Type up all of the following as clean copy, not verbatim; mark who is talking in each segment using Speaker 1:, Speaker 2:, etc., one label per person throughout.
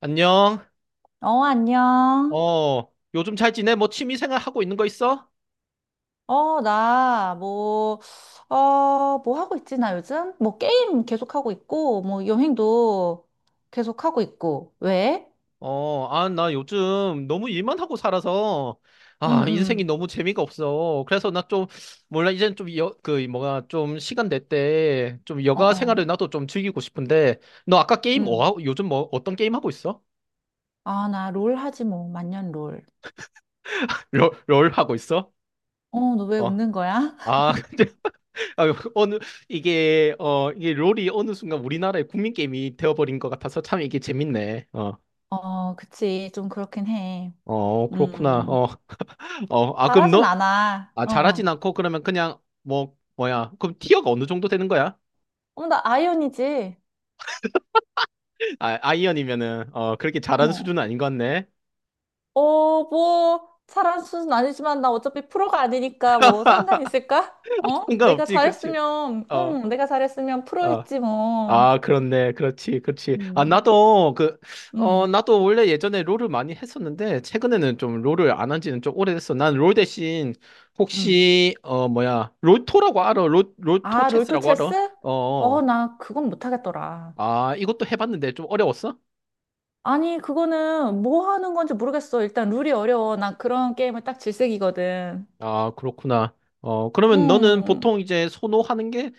Speaker 1: 안녕.
Speaker 2: 어, 안녕.
Speaker 1: 어, 요즘 잘 지내? 뭐 취미 생활 하고 있는 거 있어?
Speaker 2: 어, 나, 뭐, 어, 뭐 하고 있지, 나 요즘? 뭐, 게임 계속하고 있고, 뭐, 여행도 계속하고 있고. 왜?
Speaker 1: 어, 아, 나 요즘 너무 일만 하고 살아서,
Speaker 2: 응,
Speaker 1: 아, 인생이
Speaker 2: 응,
Speaker 1: 너무 재미가 없어. 그래서 나 좀, 몰라, 이젠 좀, 여, 그, 뭐가 좀 시간 될 때, 좀
Speaker 2: 어,
Speaker 1: 여가
Speaker 2: 어,
Speaker 1: 생활을 나도 좀 즐기고 싶은데, 너 아까 게임 뭐,
Speaker 2: 응.
Speaker 1: 요즘 뭐, 어떤 게임 하고 있어?
Speaker 2: 아, 나 롤 하지, 뭐, 만년 롤.
Speaker 1: 롤 하고 있어?
Speaker 2: 어, 너 왜
Speaker 1: 어.
Speaker 2: 웃는 거야?
Speaker 1: 아, 근데, 아, 어느, 이게, 어, 이게 롤이 어느 순간 우리나라의 국민 게임이 되어버린 것 같아서 참 이게 재밌네. 어.
Speaker 2: 어, 그치, 좀 그렇긴 해.
Speaker 1: 어, 그렇구나.
Speaker 2: 음,
Speaker 1: 어, 어, 아, 그럼
Speaker 2: 잘하진
Speaker 1: 너,
Speaker 2: 않아.
Speaker 1: 아,
Speaker 2: 어,
Speaker 1: 잘하진
Speaker 2: 어.
Speaker 1: 않고, 그러면 그냥, 뭐, 뭐야. 그럼 티어가 어느 정도 되는 거야?
Speaker 2: 어, 나 아이언이지.
Speaker 1: 아, 아이언이면은, 어, 그렇게 잘하는
Speaker 2: 어.
Speaker 1: 수준은 아닌 것 같네.
Speaker 2: 어, 뭐, 잘한 수준 아니지만 나 어차피 프로가 아니니까 뭐 상관 있을까? 어? 내가
Speaker 1: 상관없지, 그렇지.
Speaker 2: 잘했으면,
Speaker 1: 어,
Speaker 2: 응, 내가 잘했으면 프로
Speaker 1: 어.
Speaker 2: 했지 뭐.
Speaker 1: 아, 그렇네. 그렇지, 그렇지. 아,
Speaker 2: 음,
Speaker 1: 나도, 그, 어,
Speaker 2: 음,
Speaker 1: 나도 원래 예전에 롤을 많이 했었는데, 최근에는 좀 롤을 안 한 지는 좀 오래됐어. 난 롤 대신,
Speaker 2: 음.
Speaker 1: 혹시, 어, 뭐야. 롤토라고 알아? 롤토
Speaker 2: 아, 롤토
Speaker 1: 체스라고 알아?
Speaker 2: 체스?
Speaker 1: 어,
Speaker 2: 어,
Speaker 1: 어.
Speaker 2: 나 그건 못하겠더라.
Speaker 1: 아, 이것도 해봤는데 좀 어려웠어?
Speaker 2: 아니, 그거는 뭐 하는 건지 모르겠어. 일단 룰이 어려워. 나 그런 게임을 딱 질색이거든.
Speaker 1: 아, 그렇구나. 어, 그러면 너는
Speaker 2: 음.
Speaker 1: 보통 이제 선호하는 게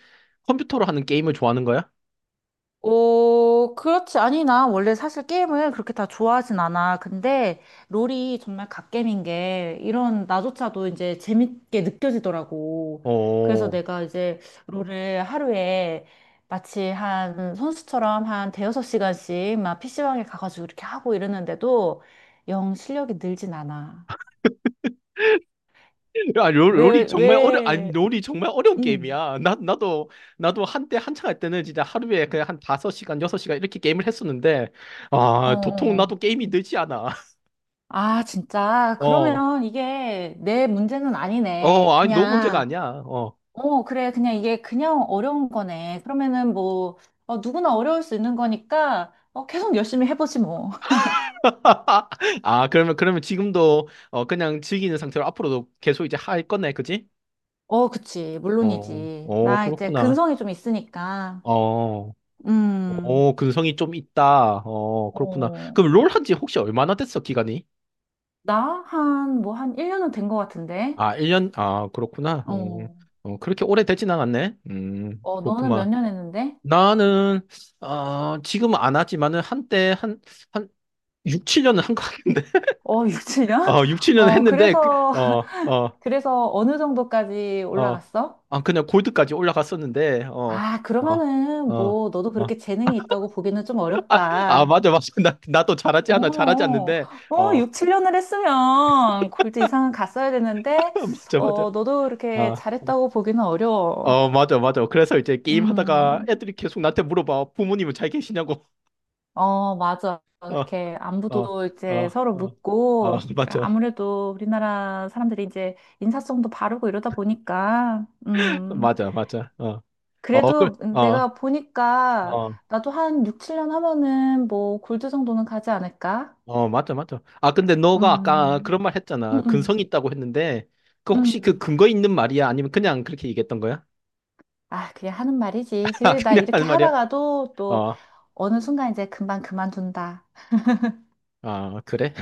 Speaker 1: 컴퓨터로 하는 게임을 좋아하는 거야?
Speaker 2: 어, 그렇지. 아니, 나 원래 사실 게임을 그렇게 다 좋아하진 않아. 근데 롤이 정말 갓겜인 게 이런 나조차도 이제 재밌게 느껴지더라고. 그래서
Speaker 1: 어.
Speaker 2: 내가 이제 롤을 하루에 마치 한 선수처럼 한 대여섯 시간씩 막 PC방에 가가지고 이렇게 하고 이러는데도 영 실력이 늘진 않아.
Speaker 1: 야, 롤, 롤이
Speaker 2: 왜,
Speaker 1: 정말 어려, 아니,
Speaker 2: 왜,
Speaker 1: 롤이 정말 어려운
Speaker 2: 응.
Speaker 1: 게임이야. 나도, 나도 한때 한창 할 때는 진짜 하루에 그냥 한 5시간, 6시간 이렇게 게임을 했었는데,
Speaker 2: 어,
Speaker 1: 아, 도통
Speaker 2: 어,
Speaker 1: 나도
Speaker 2: 어.
Speaker 1: 게임이 늘지 않아.
Speaker 2: 아, 진짜.
Speaker 1: 어.
Speaker 2: 그러면 이게 내 문제는
Speaker 1: 어,
Speaker 2: 아니네.
Speaker 1: 아니, 너 문제가
Speaker 2: 그냥.
Speaker 1: 아니야. 어.
Speaker 2: 어, 그래. 그냥 이게 그냥 어려운 거네. 그러면은 뭐, 어, 누구나 어려울 수 있는 거니까, 어, 계속 열심히 해보지 뭐.
Speaker 1: 아, 그러면, 그러면 지금도, 어, 그냥 즐기는 상태로 앞으로도 계속 이제 할 거네, 그지?
Speaker 2: 어, 그치.
Speaker 1: 어,
Speaker 2: 물론이지.
Speaker 1: 어,
Speaker 2: 나 이제
Speaker 1: 그렇구나.
Speaker 2: 근성이 좀 있으니까.
Speaker 1: 어.
Speaker 2: 음,
Speaker 1: 오, 근성이 좀 있다. 어, 그렇구나.
Speaker 2: 어,
Speaker 1: 그럼 롤 한지 혹시 얼마나 됐어, 기간이?
Speaker 2: 나 한, 뭐, 한 1년은 된 것 같은데.
Speaker 1: 아, 1년? 아, 그렇구나. 어,
Speaker 2: 어,
Speaker 1: 어, 그렇게 오래 되진 않았네.
Speaker 2: 어, 너는 몇
Speaker 1: 그렇구만.
Speaker 2: 년 했는데?
Speaker 1: 나는, 어, 지금 안 하지만은 한때 한, 한 6, 7년은 한 것 같은데.
Speaker 2: 어, 6, 7년?
Speaker 1: 어, 6, 7년
Speaker 2: 어,
Speaker 1: 했는데, 그,
Speaker 2: 그래서,
Speaker 1: 어, 어,
Speaker 2: 그래서 어느 정도까지
Speaker 1: 어.
Speaker 2: 올라갔어?
Speaker 1: 아, 그냥 골드까지 올라갔었는데, 어,
Speaker 2: 아,
Speaker 1: 어,
Speaker 2: 그러면은
Speaker 1: 어.
Speaker 2: 뭐, 너도
Speaker 1: 어.
Speaker 2: 그렇게 재능이 있다고 보기는 좀
Speaker 1: 아, 아,
Speaker 2: 어렵다.
Speaker 1: 맞아, 맞아. 나도 잘하지 않아. 잘하지
Speaker 2: 어,
Speaker 1: 않는데,
Speaker 2: 어,
Speaker 1: 어,
Speaker 2: 6, 7년을 했으면 골드 이상은 갔어야 되는데,
Speaker 1: 맞아, 맞아.
Speaker 2: 어, 너도 이렇게
Speaker 1: 어.
Speaker 2: 잘했다고 보기는 어려워.
Speaker 1: 어, 맞아, 맞아. 그래서 이제 게임 하다가
Speaker 2: 음,
Speaker 1: 애들이 계속 나한테 물어봐. 부모님은 잘 계시냐고.
Speaker 2: 어, 맞아.
Speaker 1: 어,
Speaker 2: 그렇게
Speaker 1: 어,
Speaker 2: 안부도
Speaker 1: 어,
Speaker 2: 이제 서로
Speaker 1: 어, 어,
Speaker 2: 묻고,
Speaker 1: 맞아.
Speaker 2: 아무래도 우리나라 사람들이 이제 인사성도 바르고 이러다 보니까,
Speaker 1: 맞아, 맞아. 어, 어, 그,
Speaker 2: 그래도
Speaker 1: 어,
Speaker 2: 내가 보니까
Speaker 1: 어,
Speaker 2: 나도 한 6, 7년 하면은 뭐 골드 정도는 가지 않을까?
Speaker 1: 어, 맞아, 맞아. 아, 근데 너가 아까
Speaker 2: 음,
Speaker 1: 그런 말
Speaker 2: 음,
Speaker 1: 했잖아.
Speaker 2: 음.
Speaker 1: 근성이 있다고 했는데, 그 혹시 그
Speaker 2: 음.
Speaker 1: 근거 있는 말이야? 아니면 그냥 그렇게 얘기했던 거야?
Speaker 2: 아, 그냥 하는 말이지.
Speaker 1: 아,
Speaker 2: 그래, 나
Speaker 1: 그냥
Speaker 2: 이렇게
Speaker 1: 하는 말이야?
Speaker 2: 하다가도 또
Speaker 1: 어,
Speaker 2: 어느 순간 이제 금방 그만둔다.
Speaker 1: 아, 그래?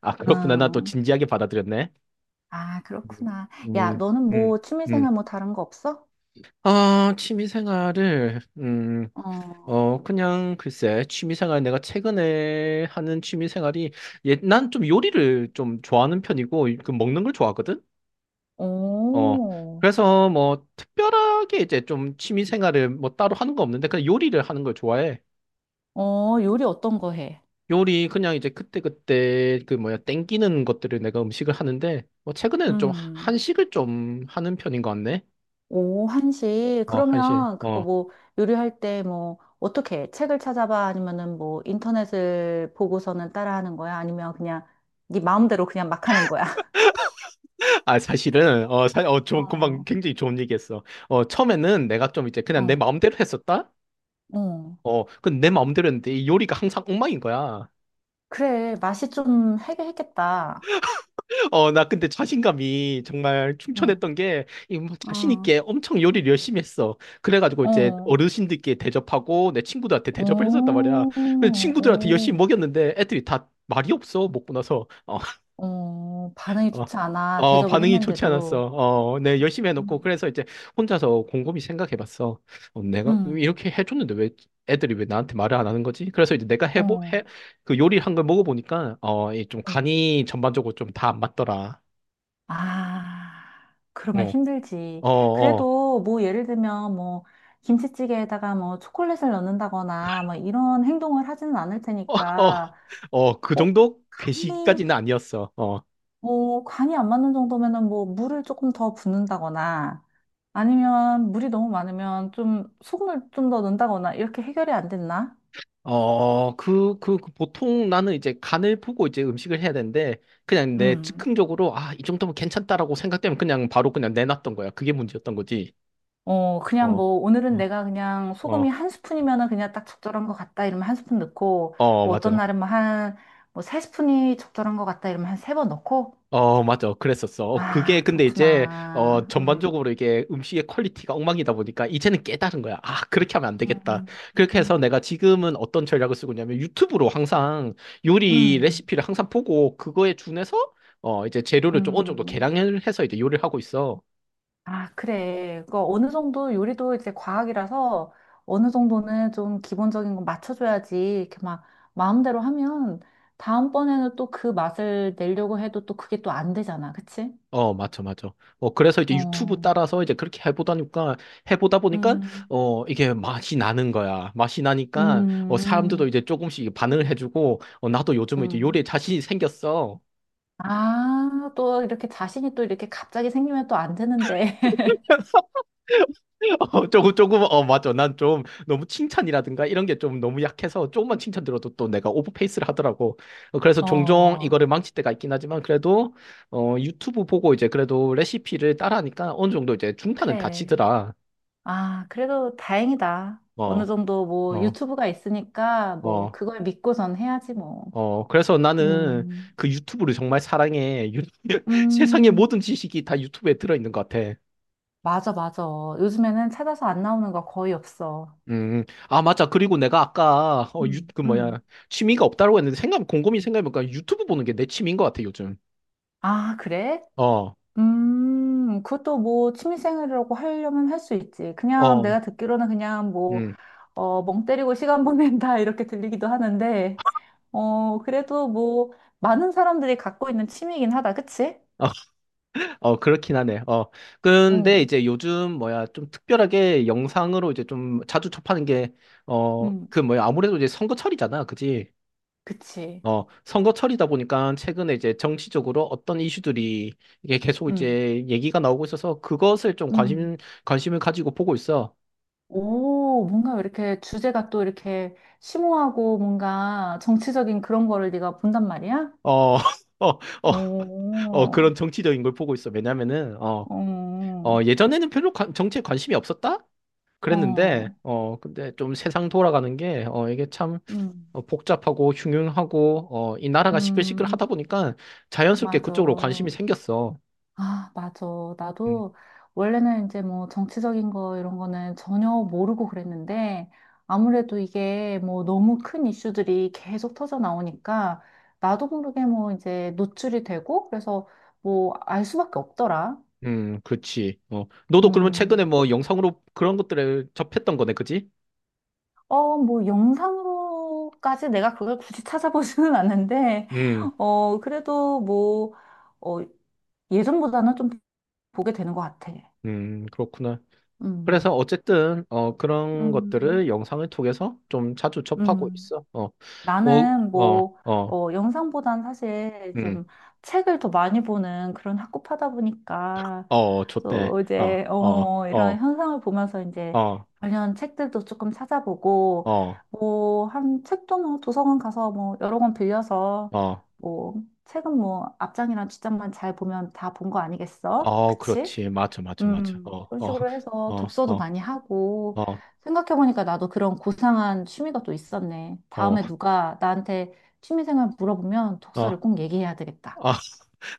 Speaker 1: 아, 그렇구나. 나 또
Speaker 2: 음.
Speaker 1: 진지하게 받아들였네.
Speaker 2: 아, 그렇구나. 야,
Speaker 1: 음,
Speaker 2: 너는
Speaker 1: 음,
Speaker 2: 뭐
Speaker 1: 음.
Speaker 2: 취미생활 뭐 다른 거 없어?
Speaker 1: 아, 취미 생활을,
Speaker 2: 어,
Speaker 1: 어, 그냥 글쎄, 취미생활, 내가 최근에 하는 취미생활이, 예, 난 좀 요리를 좀 좋아하는 편이고, 그 먹는 걸 좋아하거든? 어,
Speaker 2: 오,
Speaker 1: 그래서 뭐, 특별하게 이제 좀 취미생활을 뭐 따로 하는 거 없는데, 그냥 요리를 하는 걸 좋아해.
Speaker 2: 어, 요리 어떤 거 해?
Speaker 1: 요리, 그냥 이제 그때그때 그 뭐야, 땡기는 것들을 내가 음식을 하는데, 뭐, 최근에는 좀
Speaker 2: 음.
Speaker 1: 한식을 좀 하는 편인 것 같네.
Speaker 2: 오, 한식.
Speaker 1: 어, 한식.
Speaker 2: 그러면 그거
Speaker 1: 어.
Speaker 2: 뭐 요리할 때 뭐 어떻게 해? 책을 찾아봐? 아니면은 뭐 인터넷을 보고서는 따라하는 거야? 아니면 그냥 네 마음대로 그냥 막 하는 거야?
Speaker 1: 아, 사실은, 어, 어, 좀 금방
Speaker 2: 어,
Speaker 1: 굉장히 좋은 얘기했어. 어, 처음에는 내가 좀 이제 그냥 내
Speaker 2: 어.
Speaker 1: 마음대로 했었다?
Speaker 2: 어.
Speaker 1: 어, 근데 내 마음대로 했는데 이 요리가 항상 엉망인 거야.
Speaker 2: 그래, 맛이 좀 해결했겠다.
Speaker 1: 어, 나 근데 자신감이 정말
Speaker 2: 어,
Speaker 1: 충천했던 게, 이뭐 자신
Speaker 2: 어,
Speaker 1: 있게 엄청 요리를 열심히 했어. 그래가지고 이제
Speaker 2: 어,
Speaker 1: 어르신들께 대접하고 내 친구들한테 대접을 했었단 말이야.
Speaker 2: 오,
Speaker 1: 근데 친구들한테 열심히
Speaker 2: 오,
Speaker 1: 먹였는데 애들이 다 말이 없어, 먹고 나서. 어,
Speaker 2: 어, 반응이
Speaker 1: 어,
Speaker 2: 좋지 않아.
Speaker 1: 어,
Speaker 2: 대접을
Speaker 1: 반응이 좋지 않았어.
Speaker 2: 했는데도.
Speaker 1: 어, 네, 열심히 해놓고,
Speaker 2: 음.
Speaker 1: 그래서 이제 혼자서 곰곰이 생각해봤어. 어, 내가
Speaker 2: 음,
Speaker 1: 이렇게 해줬는데 왜 애들이 왜 나한테 말을 안 하는 거지? 그래서 이제 내가
Speaker 2: 어,
Speaker 1: 그 요리를 한 걸 먹어보니까, 어, 이 좀
Speaker 2: 음.
Speaker 1: 간이 전반적으로 좀 다 안 맞더라.
Speaker 2: 아, 그러면
Speaker 1: 어,
Speaker 2: 힘들지.
Speaker 1: 어, 어,
Speaker 2: 그래도 뭐 예를 들면 뭐 김치찌개에다가 뭐 초콜릿을 넣는다거나 뭐 이런 행동을 하지는 않을
Speaker 1: 어, 어,
Speaker 2: 테니까,
Speaker 1: 어, 그
Speaker 2: 어,
Speaker 1: 정도?
Speaker 2: 간이,
Speaker 1: 괘씸까지는 아니었어. 어.
Speaker 2: 뭐 간이 안 맞는 정도면은 뭐 물을 조금 더 붓는다거나 아니면 물이 너무 많으면 좀 소금을 좀 더 넣는다거나 이렇게 해결이 안 됐나?
Speaker 1: 어, 그 보통 나는 이제 간을 보고 이제 음식을 해야 되는데, 그냥 내
Speaker 2: 음.
Speaker 1: 즉흥적으로, 아, 이 정도면 괜찮다라고 생각되면 그냥 바로 그냥 내놨던 거야. 그게 문제였던 거지.
Speaker 2: 어, 그냥
Speaker 1: 어,
Speaker 2: 뭐, 오늘은
Speaker 1: 어,
Speaker 2: 내가 그냥 소금이
Speaker 1: 어,
Speaker 2: 한 스푼이면은 그냥 딱 적절한 것 같다 이러면 한 스푼 넣고,
Speaker 1: 어,
Speaker 2: 뭐 어떤
Speaker 1: 맞아.
Speaker 2: 날은 뭐 한, 뭐 세 스푼이 적절한 것 같다 이러면 한 세 번 넣고,
Speaker 1: 어, 맞아. 그랬었어. 어, 그게
Speaker 2: 아,
Speaker 1: 근데 이제, 어,
Speaker 2: 그렇구나.
Speaker 1: 전반적으로 이게 음식의 퀄리티가 엉망이다 보니까 이제는 깨달은 거야. 아, 그렇게 하면 안 되겠다.
Speaker 2: 음.
Speaker 1: 그렇게 해서 내가 지금은 어떤 전략을 쓰고 있냐면 유튜브로 항상 요리
Speaker 2: 음,
Speaker 1: 레시피를 항상 보고 그거에 준해서 어, 이제 재료를 좀 어느 정도
Speaker 2: 음.
Speaker 1: 계량을 해서 이제 요리를 하고 있어.
Speaker 2: 아, 그래. 그 어느 정도 요리도 이제 과학이라서 어느 정도는 좀 기본적인 건 맞춰줘야지. 이렇게 막 마음대로 하면 다음번에는 또 그 맛을 내려고 해도 또 그게 또 안 되잖아. 그치?
Speaker 1: 어, 맞죠, 맞죠. 어, 그래서 이제 유튜브
Speaker 2: 어.
Speaker 1: 따라서 이제 그렇게 해보다니까, 해보다 보니까,
Speaker 2: 음,
Speaker 1: 어, 이게 맛이 나는 거야. 맛이 나니까, 어, 사람들도
Speaker 2: 음,
Speaker 1: 이제 조금씩 반응을 해주고, 어, 나도 요즘에 이제 요리에
Speaker 2: 음.
Speaker 1: 자신이 생겼어.
Speaker 2: 아, 또 이렇게 자신이 또 이렇게 갑자기 생기면 또 안 되는데.
Speaker 1: 어, 조금, 조금, 어, 맞죠. 난 좀 너무 칭찬이라든가 이런 게 좀 너무 약해서 조금만 칭찬 들어도 또 내가 오버페이스를 하더라고. 어, 그래서 종종
Speaker 2: 어,
Speaker 1: 이거를 망칠 때가 있긴 하지만 그래도, 어, 유튜브 보고 이제 그래도 레시피를 따라하니까 어느 정도 이제 중탄은
Speaker 2: 그래.
Speaker 1: 다치더라.
Speaker 2: 아, 그래도 다행이다. 어느
Speaker 1: 어,
Speaker 2: 정도 뭐
Speaker 1: 어.
Speaker 2: 유튜브가 있으니까 뭐
Speaker 1: 어,
Speaker 2: 그걸 믿고선 해야지 뭐.
Speaker 1: 어, 그래서 나는
Speaker 2: 음,
Speaker 1: 그 유튜브를 정말 사랑해. 세상의
Speaker 2: 음,
Speaker 1: 모든 지식이 다 유튜브에 들어있는 것 같아.
Speaker 2: 맞아, 맞아. 요즘에는 찾아서 안 나오는 거 거의 없어.
Speaker 1: 아, 맞아. 그리고 내가 아까, 어, 유,
Speaker 2: 음,
Speaker 1: 그 뭐야,
Speaker 2: 음.
Speaker 1: 취미가 없다고 했는데, 생각, 곰곰이 생각해보니까 유튜브 보는 게 내 취미인 것 같아, 요즘.
Speaker 2: 아, 그래?
Speaker 1: 어,
Speaker 2: 그것도 뭐 취미생활이라고 하려면 할 수 있지. 그냥
Speaker 1: 어,
Speaker 2: 내가 듣기로는 그냥 뭐,
Speaker 1: 음.
Speaker 2: 어, 멍 때리고 시간 보낸다 이렇게 들리기도 하는데, 어, 그래도 뭐, 많은 사람들이 갖고 있는 취미이긴 하다. 그치?
Speaker 1: 어, 그렇긴 하네. 어. 근데
Speaker 2: 응
Speaker 1: 이제 요즘 뭐야, 좀 특별하게 영상으로 이제 좀 자주 접하는 게, 어,
Speaker 2: 응
Speaker 1: 그 뭐야, 아무래도 이제 선거철이잖아. 그지?
Speaker 2: 그치.
Speaker 1: 어, 선거철이다 보니까 최근에 이제 정치적으로 어떤 이슈들이 이게 계속
Speaker 2: 응
Speaker 1: 이제 얘기가 나오고 있어서 그것을 좀
Speaker 2: 음.
Speaker 1: 관심을 가지고 보고 있어.
Speaker 2: 오, 뭔가 이렇게 주제가 또 이렇게 심오하고 뭔가 정치적인 그런 거를 네가 본단 말이야?
Speaker 1: 어, 어, 어, 어,
Speaker 2: 오,
Speaker 1: 그런 정치적인 걸 보고 있어. 왜냐면은, 어,
Speaker 2: 어,
Speaker 1: 어,
Speaker 2: 어,
Speaker 1: 예전에는 별로 정치에 관심이 없었다?
Speaker 2: 어.
Speaker 1: 그랬는데, 어, 근데 좀 세상 돌아가는 게, 어, 이게 참
Speaker 2: 음,
Speaker 1: 어, 복잡하고 흉흉하고, 어, 이 나라가 시끌시끌
Speaker 2: 음,
Speaker 1: 하다 보니까 자연스럽게
Speaker 2: 맞아.
Speaker 1: 그쪽으로 관심이 생겼어.
Speaker 2: 아, 맞아. 나도 원래는 이제 뭐 정치적인 거 이런 거는 전혀 모르고 그랬는데 아무래도 이게 뭐 너무 큰 이슈들이 계속 터져 나오니까 나도 모르게 뭐 이제 노출이 되고 그래서 뭐 알 수밖에 없더라.
Speaker 1: 그치. 어, 너도 그러면
Speaker 2: 음.
Speaker 1: 최근에 뭐 영상으로 그런 것들을 접했던 거네, 그지?
Speaker 2: 어, 뭐, 영상으로까지 내가 그걸 굳이 찾아보지는 않는데,
Speaker 1: 음,
Speaker 2: 어, 그래도 뭐, 어, 예전보다는 좀 보게 되는 것 같아.
Speaker 1: 그렇구나.
Speaker 2: 음.
Speaker 1: 그래서 어쨌든, 어, 그런
Speaker 2: 음,
Speaker 1: 것들을 영상을 통해서 좀 자주 접하고
Speaker 2: 음.
Speaker 1: 있어. 어, 뭐,
Speaker 2: 나는
Speaker 1: 어,
Speaker 2: 뭐,
Speaker 1: 어,
Speaker 2: 어, 영상보단 사실 좀
Speaker 1: 음,
Speaker 2: 책을 더 많이 보는 그런 학구파다 보니까
Speaker 1: 어, 좋대.
Speaker 2: 또
Speaker 1: 어,
Speaker 2: 이제,
Speaker 1: 어,
Speaker 2: 어, 이런
Speaker 1: 어,
Speaker 2: 현상을 보면서 이제
Speaker 1: 어,
Speaker 2: 관련 책들도 조금 찾아보고
Speaker 1: 어,
Speaker 2: 뭐, 한 책도 뭐 도서관 가서 뭐 여러 권 빌려서
Speaker 1: 어,
Speaker 2: 뭐, 책은 뭐 앞장이랑 뒷장만 잘 보면 다 본 거 아니겠어?
Speaker 1: 어,
Speaker 2: 그치?
Speaker 1: 그렇지. 맞아, 맞아, 맞아. 어,
Speaker 2: 그런
Speaker 1: 어,
Speaker 2: 식으로 해서
Speaker 1: 어,
Speaker 2: 독서도
Speaker 1: 어,
Speaker 2: 많이 하고,
Speaker 1: 어,
Speaker 2: 생각해보니까 나도 그런 고상한 취미가 또 있었네.
Speaker 1: 어,
Speaker 2: 다음에 누가 나한테 취미생활 물어보면 독서를
Speaker 1: 어.
Speaker 2: 꼭 얘기해야 되겠다.
Speaker 1: 아,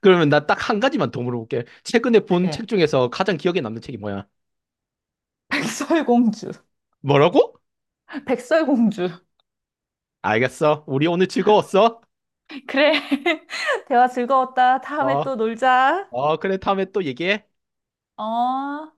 Speaker 1: 그러면 나 딱 한 가지만 더 물어볼게. 최근에 본 책
Speaker 2: 그래.
Speaker 1: 중에서 가장 기억에 남는 책이 뭐야?
Speaker 2: 백설공주.
Speaker 1: 뭐라고?
Speaker 2: 백설공주.
Speaker 1: 알겠어. 우리 오늘 즐거웠어?
Speaker 2: 그래. 대화 즐거웠다. 다음에
Speaker 1: 어,
Speaker 2: 또 놀자.
Speaker 1: 어, 그래. 다음에 또 얘기해.
Speaker 2: 어.